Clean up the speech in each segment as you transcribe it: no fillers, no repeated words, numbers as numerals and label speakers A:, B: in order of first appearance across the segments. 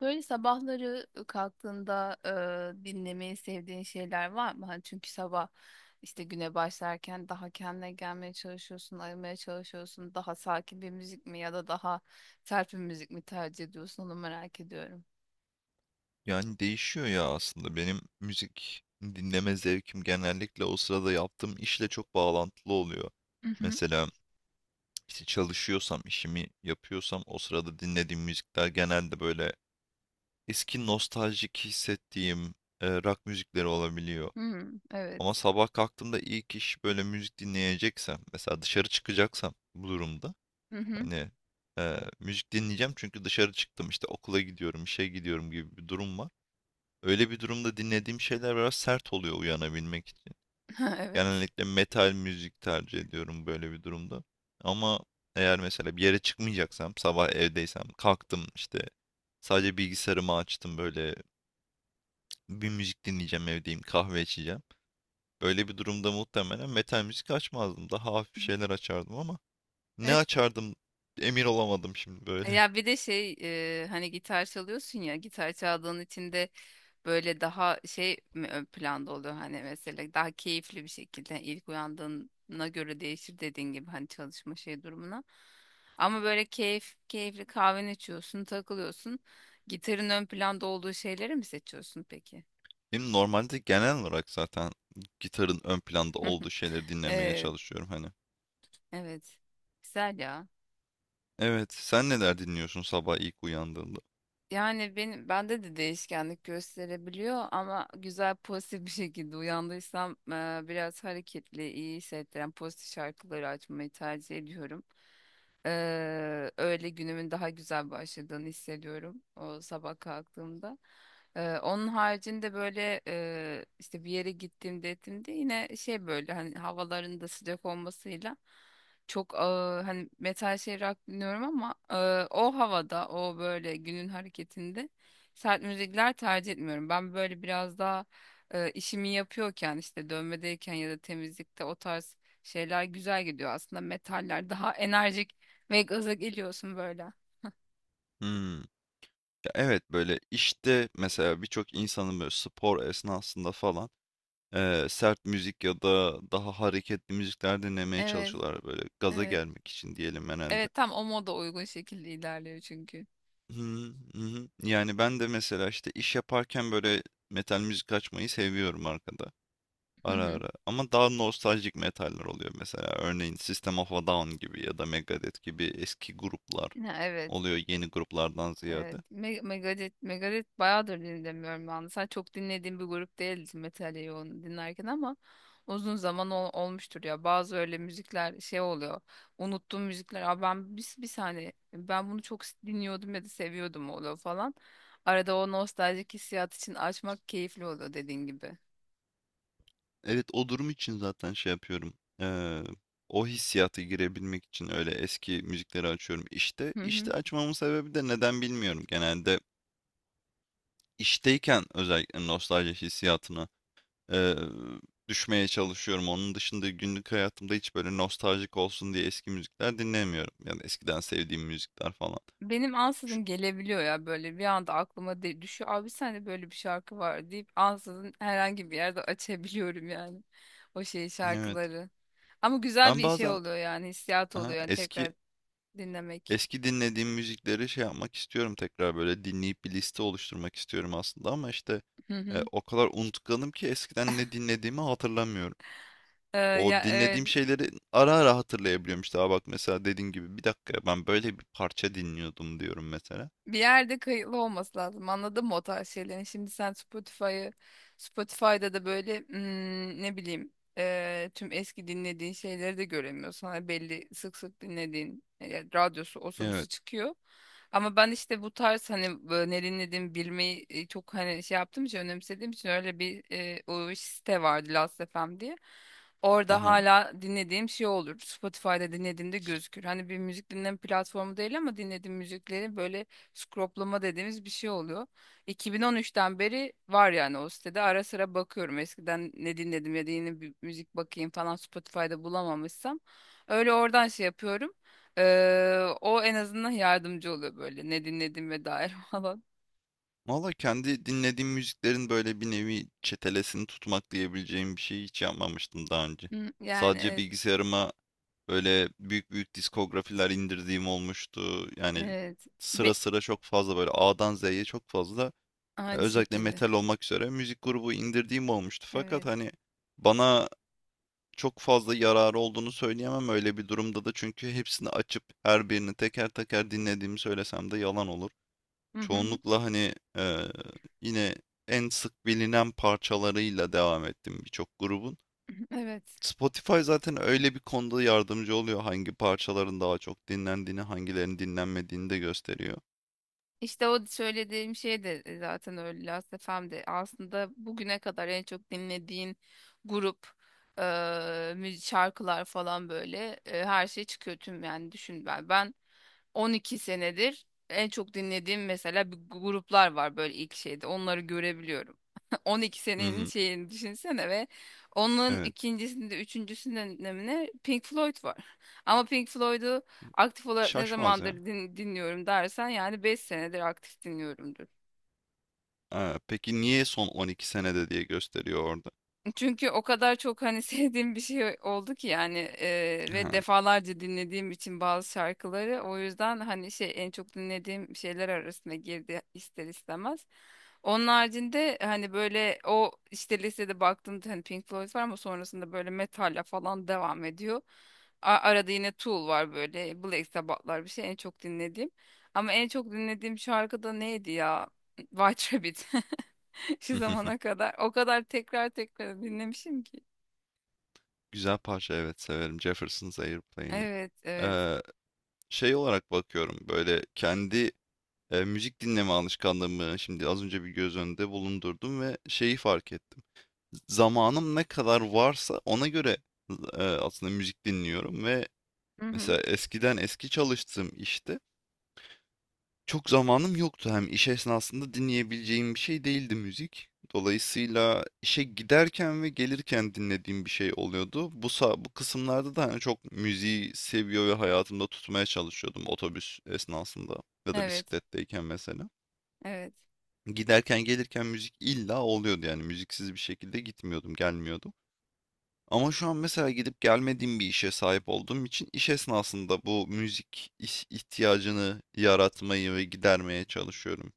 A: Böyle sabahları kalktığında dinlemeyi sevdiğin şeyler var mı? Hani çünkü sabah işte güne başlarken daha kendine gelmeye çalışıyorsun, ayılmaya çalışıyorsun. Daha sakin bir müzik mi ya da daha sert bir müzik mi tercih ediyorsun? Onu merak ediyorum.
B: Yani değişiyor ya aslında. Benim müzik dinleme zevkim genellikle o sırada yaptığım işle çok bağlantılı oluyor.
A: Hı hı.
B: Mesela işte çalışıyorsam, işimi yapıyorsam o sırada dinlediğim müzikler genelde böyle eski nostaljik hissettiğim rock müzikleri olabiliyor.
A: Hmm,
B: Ama
A: evet.
B: sabah kalktığımda ilk iş böyle müzik dinleyeceksem, mesela dışarı çıkacaksam bu durumda
A: Hı hı.
B: hani müzik dinleyeceğim çünkü dışarı çıktım işte okula gidiyorum, işe gidiyorum gibi bir durum var. Öyle bir durumda dinlediğim şeyler biraz sert oluyor uyanabilmek için.
A: Evet.
B: Genellikle metal müzik tercih ediyorum böyle bir durumda. Ama eğer mesela bir yere çıkmayacaksam, sabah evdeysem, kalktım işte sadece bilgisayarımı açtım böyle bir müzik dinleyeceğim evdeyim, kahve içeceğim. Böyle bir durumda muhtemelen metal müzik açmazdım. Daha hafif şeyler açardım ama ne
A: Evet.
B: açardım emin olamadım şimdi böyle.
A: Ya bir de şey hani gitar çalıyorsun ya gitar çaldığın için de böyle daha şey mi ön planda oluyor hani mesela daha keyifli bir şekilde ilk uyandığına göre değişir dediğin gibi hani çalışma şey durumuna. Ama böyle keyifli kahveni içiyorsun, takılıyorsun. Gitarın ön planda olduğu şeyleri mi seçiyorsun peki?
B: Benim normalde genel olarak zaten gitarın ön planda olduğu şeyleri dinlemeye
A: Evet.
B: çalışıyorum hani.
A: Evet. Güzel ya.
B: Evet, sen neler dinliyorsun sabah ilk uyandığında?
A: Yani bende de değişkenlik gösterebiliyor ama güzel pozitif bir şekilde uyandıysam biraz hareketli, iyi hissettiren pozitif şarkıları açmayı tercih ediyorum. Öyle günümün daha güzel başladığını hissediyorum o sabah kalktığımda. Onun haricinde böyle işte bir yere gittiğimde ettiğimde yine şey böyle hani havaların da sıcak olmasıyla çok hani metal şey rock dinliyorum ama o havada o böyle günün hareketinde sert müzikler tercih etmiyorum. Ben böyle biraz daha işimi yapıyorken işte dövmedeyken ya da temizlikte o tarz şeyler güzel gidiyor. Aslında metaller daha enerjik ve gaza geliyorsun böyle.
B: Hmm. Ya evet böyle işte mesela birçok insanın böyle spor esnasında falan sert müzik ya da daha hareketli müzikler dinlemeye
A: Evet,
B: çalışıyorlar böyle gaza
A: evet.
B: gelmek için diyelim herhalde.
A: Evet tam o moda uygun şekilde ilerliyor çünkü.
B: Hı hı. Yani ben de mesela işte iş yaparken böyle metal müzik açmayı seviyorum arkada
A: Hı
B: ara
A: hı.
B: ara. Ama daha nostaljik metaller oluyor mesela örneğin System of a Down gibi ya da Megadeth gibi eski gruplar
A: Ya, evet.
B: oluyor yeni gruplardan ziyade.
A: Evet. Megadeth bayağıdır dinlemiyorum ben. De. Sen çok dinlediğim bir grup değildi metal yoğun dinlerken ama uzun zaman olmuştur ya. Bazı öyle müzikler şey oluyor. Unuttuğum müzikler. Aa ben bir saniye ben bunu çok dinliyordum ya da seviyordum oluyor falan. Arada o nostaljik hissiyat için açmak keyifli oluyor dediğin gibi.
B: Evet o durum için zaten şey yapıyorum. Eee, O hissiyata girebilmek için öyle eski müzikleri açıyorum. İşte
A: Hı hı.
B: açmamın sebebi de neden bilmiyorum. Genelde işteyken özellikle nostalji hissiyatına eee, düşmeye çalışıyorum. Onun dışında günlük hayatımda hiç böyle nostaljik olsun diye eski müzikler dinlemiyorum. Yani eskiden sevdiğim müzikler falan.
A: Benim
B: Şu-
A: ansızın gelebiliyor ya böyle bir anda aklıma de düşüyor. Abi sende böyle bir şarkı var deyip ansızın herhangi bir yerde açabiliyorum yani o şey
B: evet.
A: şarkıları. Ama güzel
B: Ben
A: bir şey
B: bazen
A: oluyor yani hissiyat
B: aha,
A: oluyor yani
B: eski
A: tekrar dinlemek.
B: eski dinlediğim müzikleri şey yapmak istiyorum tekrar böyle dinleyip bir liste oluşturmak istiyorum aslında ama işte
A: Hı hı.
B: o kadar unutkanım ki eskiden ne dinlediğimi hatırlamıyorum.
A: Ya
B: O dinlediğim
A: evet.
B: şeyleri ara ara hatırlayabiliyorum işte. Aa bak mesela dediğin gibi bir dakika ben böyle bir parça dinliyordum diyorum mesela.
A: Bir yerde kayıtlı olması lazım. Anladın mı o tarz şeylerin? Şimdi sen Spotify'da da böyle ne bileyim tüm eski dinlediğin şeyleri de göremiyorsun. Hani belli sık sık dinlediğin radyosu osu
B: Evet.
A: busu çıkıyor. Ama ben işte bu tarz hani ne dinlediğimi bilmeyi çok hani şey yaptığım için önemsediğim için öyle bir o site vardı Last FM diye. Orada
B: Aha.
A: hala dinlediğim şey olur. Spotify'da dinlediğimde gözükür. Hani bir müzik dinleme platformu değil ama dinlediğim müzikleri böyle scroplama dediğimiz bir şey oluyor. 2013'ten beri var yani o sitede. Ara sıra bakıyorum. Eskiden ne dinledim ya da yeni bir müzik bakayım falan Spotify'da bulamamışsam. Öyle oradan şey yapıyorum. O en azından yardımcı oluyor böyle ne dinlediğime dair falan.
B: Valla kendi dinlediğim müziklerin böyle bir nevi çetelesini tutmak diyebileceğim bir şey hiç yapmamıştım daha önce.
A: Hı, yani
B: Sadece
A: evet,
B: bilgisayarıma böyle büyük büyük diskografiler indirdiğim olmuştu. Yani
A: evet.
B: sıra
A: Be-
B: sıra çok fazla böyle A'dan Z'ye çok fazla
A: aynı
B: özellikle
A: şekilde.
B: metal olmak üzere müzik grubu indirdiğim olmuştu. Fakat
A: Evet.
B: hani bana çok fazla yararı olduğunu söyleyemem öyle bir durumda da çünkü hepsini açıp her birini teker teker dinlediğimi söylesem de yalan olur.
A: Hı hı, hı
B: Çoğunlukla hani yine en sık bilinen parçalarıyla devam ettim birçok grubun.
A: hı, evet.
B: Spotify zaten öyle bir konuda yardımcı oluyor. Hangi parçaların daha çok dinlendiğini, hangilerinin dinlenmediğini de gösteriyor.
A: İşte o söylediğim şey de zaten öyle Last FM'de aslında bugüne kadar en çok dinlediğin grup e, şarkılar falan böyle her şey çıkıyor tüm yani düşün ben 12 senedir en çok dinlediğim mesela bir gruplar var böyle ilk şeyde onları görebiliyorum. 12
B: Hı
A: senenin
B: hı.
A: şeyini düşünsene ve onun
B: Evet.
A: ikincisinde üçüncüsünde Pink Floyd var. Ama Pink Floyd'u aktif olarak ne
B: Şaşmaz
A: zamandır
B: ya.
A: dinliyorum dersen yani 5 senedir aktif dinliyorumdur.
B: Ha, peki niye son 12 senede diye gösteriyor orada?
A: Çünkü o kadar çok hani sevdiğim bir şey oldu ki yani ve
B: Ha.
A: defalarca dinlediğim için bazı şarkıları o yüzden hani şey en çok dinlediğim şeyler arasına girdi ister istemez. Onun haricinde hani böyle o işte listede baktığımda hani Pink Floyd var ama sonrasında böyle metalle falan devam ediyor. Arada yine Tool var böyle Black Sabbath'lar bir şey en çok dinlediğim. Ama en çok dinlediğim şarkı da neydi ya? White Rabbit. Şu zamana kadar. O kadar tekrar tekrar dinlemişim ki.
B: Güzel parça evet severim. Jefferson's Airplane'i.
A: Evet, evet.
B: Eee, Şey olarak bakıyorum böyle müzik dinleme alışkanlığımı şimdi az önce bir göz önünde bulundurdum ve şeyi fark ettim. Zamanım ne kadar varsa ona göre, aslında müzik dinliyorum ve
A: Hı hı.
B: mesela eskiden eski çalıştığım işte çok zamanım yoktu. Hem iş esnasında dinleyebileceğim bir şey değildi müzik. Dolayısıyla işe giderken ve gelirken dinlediğim bir şey oluyordu. Bu kısımlarda da, hani, çok müziği seviyor ve hayatımda tutmaya çalışıyordum otobüs esnasında ya da
A: Evet,
B: bisikletteyken mesela.
A: evet.
B: Giderken gelirken müzik illa oluyordu yani müziksiz bir şekilde gitmiyordum, gelmiyordum. Ama şu an mesela gidip gelmediğim bir işe sahip olduğum için iş esnasında bu müzik ihtiyacını yaratmayı ve gidermeye çalışıyorum.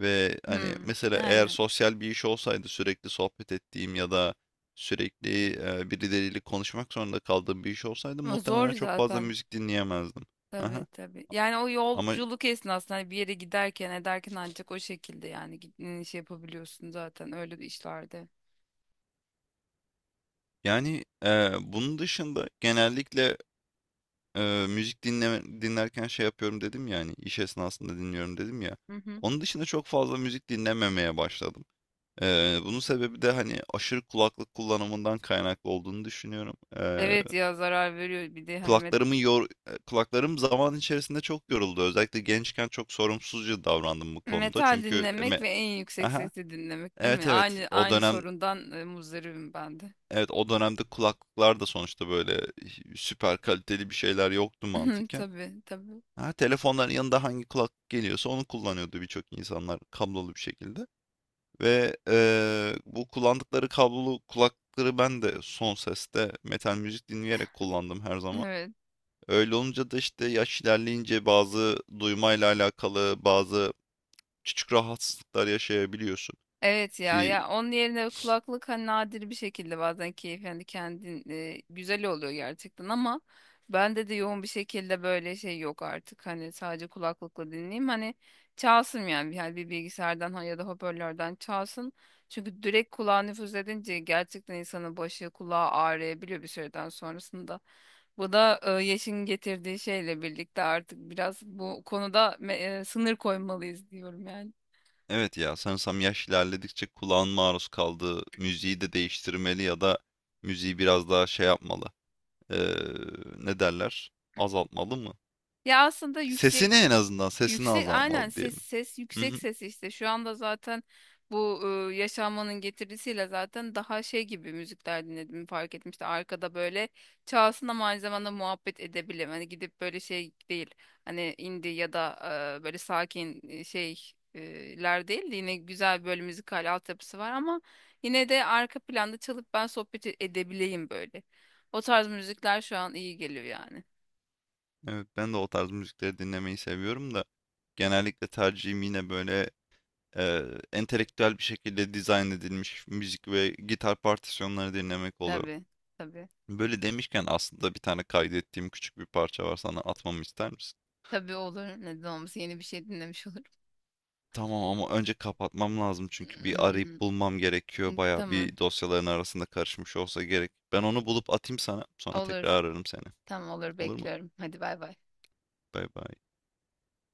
B: Ve hani
A: Hı,
B: mesela eğer
A: aynen.
B: sosyal bir iş olsaydı sürekli sohbet ettiğim ya da sürekli birileriyle konuşmak zorunda kaldığım bir iş olsaydı
A: Ama zor
B: muhtemelen çok fazla
A: zaten.
B: müzik dinleyemezdim.
A: Tabii,
B: Aha.
A: tabii. Yani o
B: Ama
A: yolculuk esnasında hani bir yere giderken ederken ancak o şekilde yani gittiğin şey yapabiliyorsun zaten öyle bir işlerde.
B: yani bunun dışında genellikle müzik dinlerken şey yapıyorum dedim ya hani iş esnasında dinliyorum dedim ya.
A: Hı hı.
B: Onun dışında çok fazla müzik dinlememeye başladım. Bunun sebebi de hani aşırı kulaklık kullanımından kaynaklı olduğunu düşünüyorum.
A: Evet ya zarar veriyor bir de hani
B: Kulaklarımı yor kulaklarım zaman içerisinde çok yoruldu. Özellikle gençken çok sorumsuzca davrandım bu konuda.
A: metal
B: Çünkü
A: dinlemek ve en yüksek
B: aha,
A: sesli dinlemek değil
B: evet,
A: mi? Aynı
B: o
A: aynı
B: dönem
A: sorundan muzdaribim ben de.
B: evet o dönemde kulaklıklar da sonuçta böyle süper kaliteli bir şeyler yoktu mantıken.
A: Tabii, tabii.
B: Ha, telefonların yanında hangi kulaklık geliyorsa onu kullanıyordu birçok insanlar kablolu bir şekilde. Ve bu kullandıkları kablolu kulaklıkları ben de son seste metal müzik dinleyerek kullandım her zaman.
A: Evet.
B: Öyle olunca da işte yaş ilerleyince bazı duymayla alakalı bazı küçük rahatsızlıklar yaşayabiliyorsun.
A: Evet, ya
B: Ki
A: ya onun yerine kulaklık hani nadir bir şekilde bazen keyif yani kendin güzel oluyor gerçekten ama bende de yoğun bir şekilde böyle şey yok artık hani sadece kulaklıkla dinleyeyim hani çalsın yani, bir bilgisayardan ya da hoparlörden çalsın çünkü direkt kulağa nüfuz edince gerçekten insanın başı kulağı ağrıyabiliyor bir süreden sonrasında. Bu da yaşın getirdiği şeyle birlikte artık biraz bu konuda sınır koymalıyız diyorum yani.
B: evet ya, sanırsam yaş ilerledikçe kulağın maruz kaldığı müziği de değiştirmeli ya da müziği biraz daha şey yapmalı. Eee, Ne derler? Azaltmalı mı?
A: Ya aslında
B: Sesini,
A: yüksek
B: en azından sesini
A: Yüksek aynen
B: azaltmalı
A: ses
B: diyelim.
A: ses
B: Hı
A: yüksek
B: hı.
A: ses işte şu anda zaten bu yaşanmanın getirisiyle zaten daha şey gibi müzikler dinledim fark ettim işte arkada böyle çalsın ama aynı zamanda muhabbet edebilirim hani gidip böyle şey değil hani indie ya da böyle sakin şey ler değil de yine güzel böyle müzikal altyapısı var ama yine de arka planda çalıp ben sohbet edebileyim böyle o tarz müzikler şu an iyi geliyor yani.
B: Evet ben de o tarz müzikleri dinlemeyi seviyorum da genellikle tercihim yine böyle e, entelektüel bir şekilde dizayn edilmiş müzik ve gitar partisyonları dinlemek oluyor.
A: Tabii, tabii.
B: Böyle demişken aslında bir tane kaydettiğim küçük bir parça var, sana atmamı ister misin?
A: Tabii olur. Neden olmasın? Yeni bir şey dinlemiş olurum.
B: Tamam ama önce kapatmam lazım çünkü bir arayıp bulmam gerekiyor. Baya
A: Tamam.
B: bir dosyaların arasında karışmış olsa gerek. Ben onu bulup atayım sana, sonra tekrar
A: Olur.
B: ararım seni.
A: Tamam olur.
B: Olur mu?
A: Bekliyorum. Hadi bay bay.
B: Bay bay.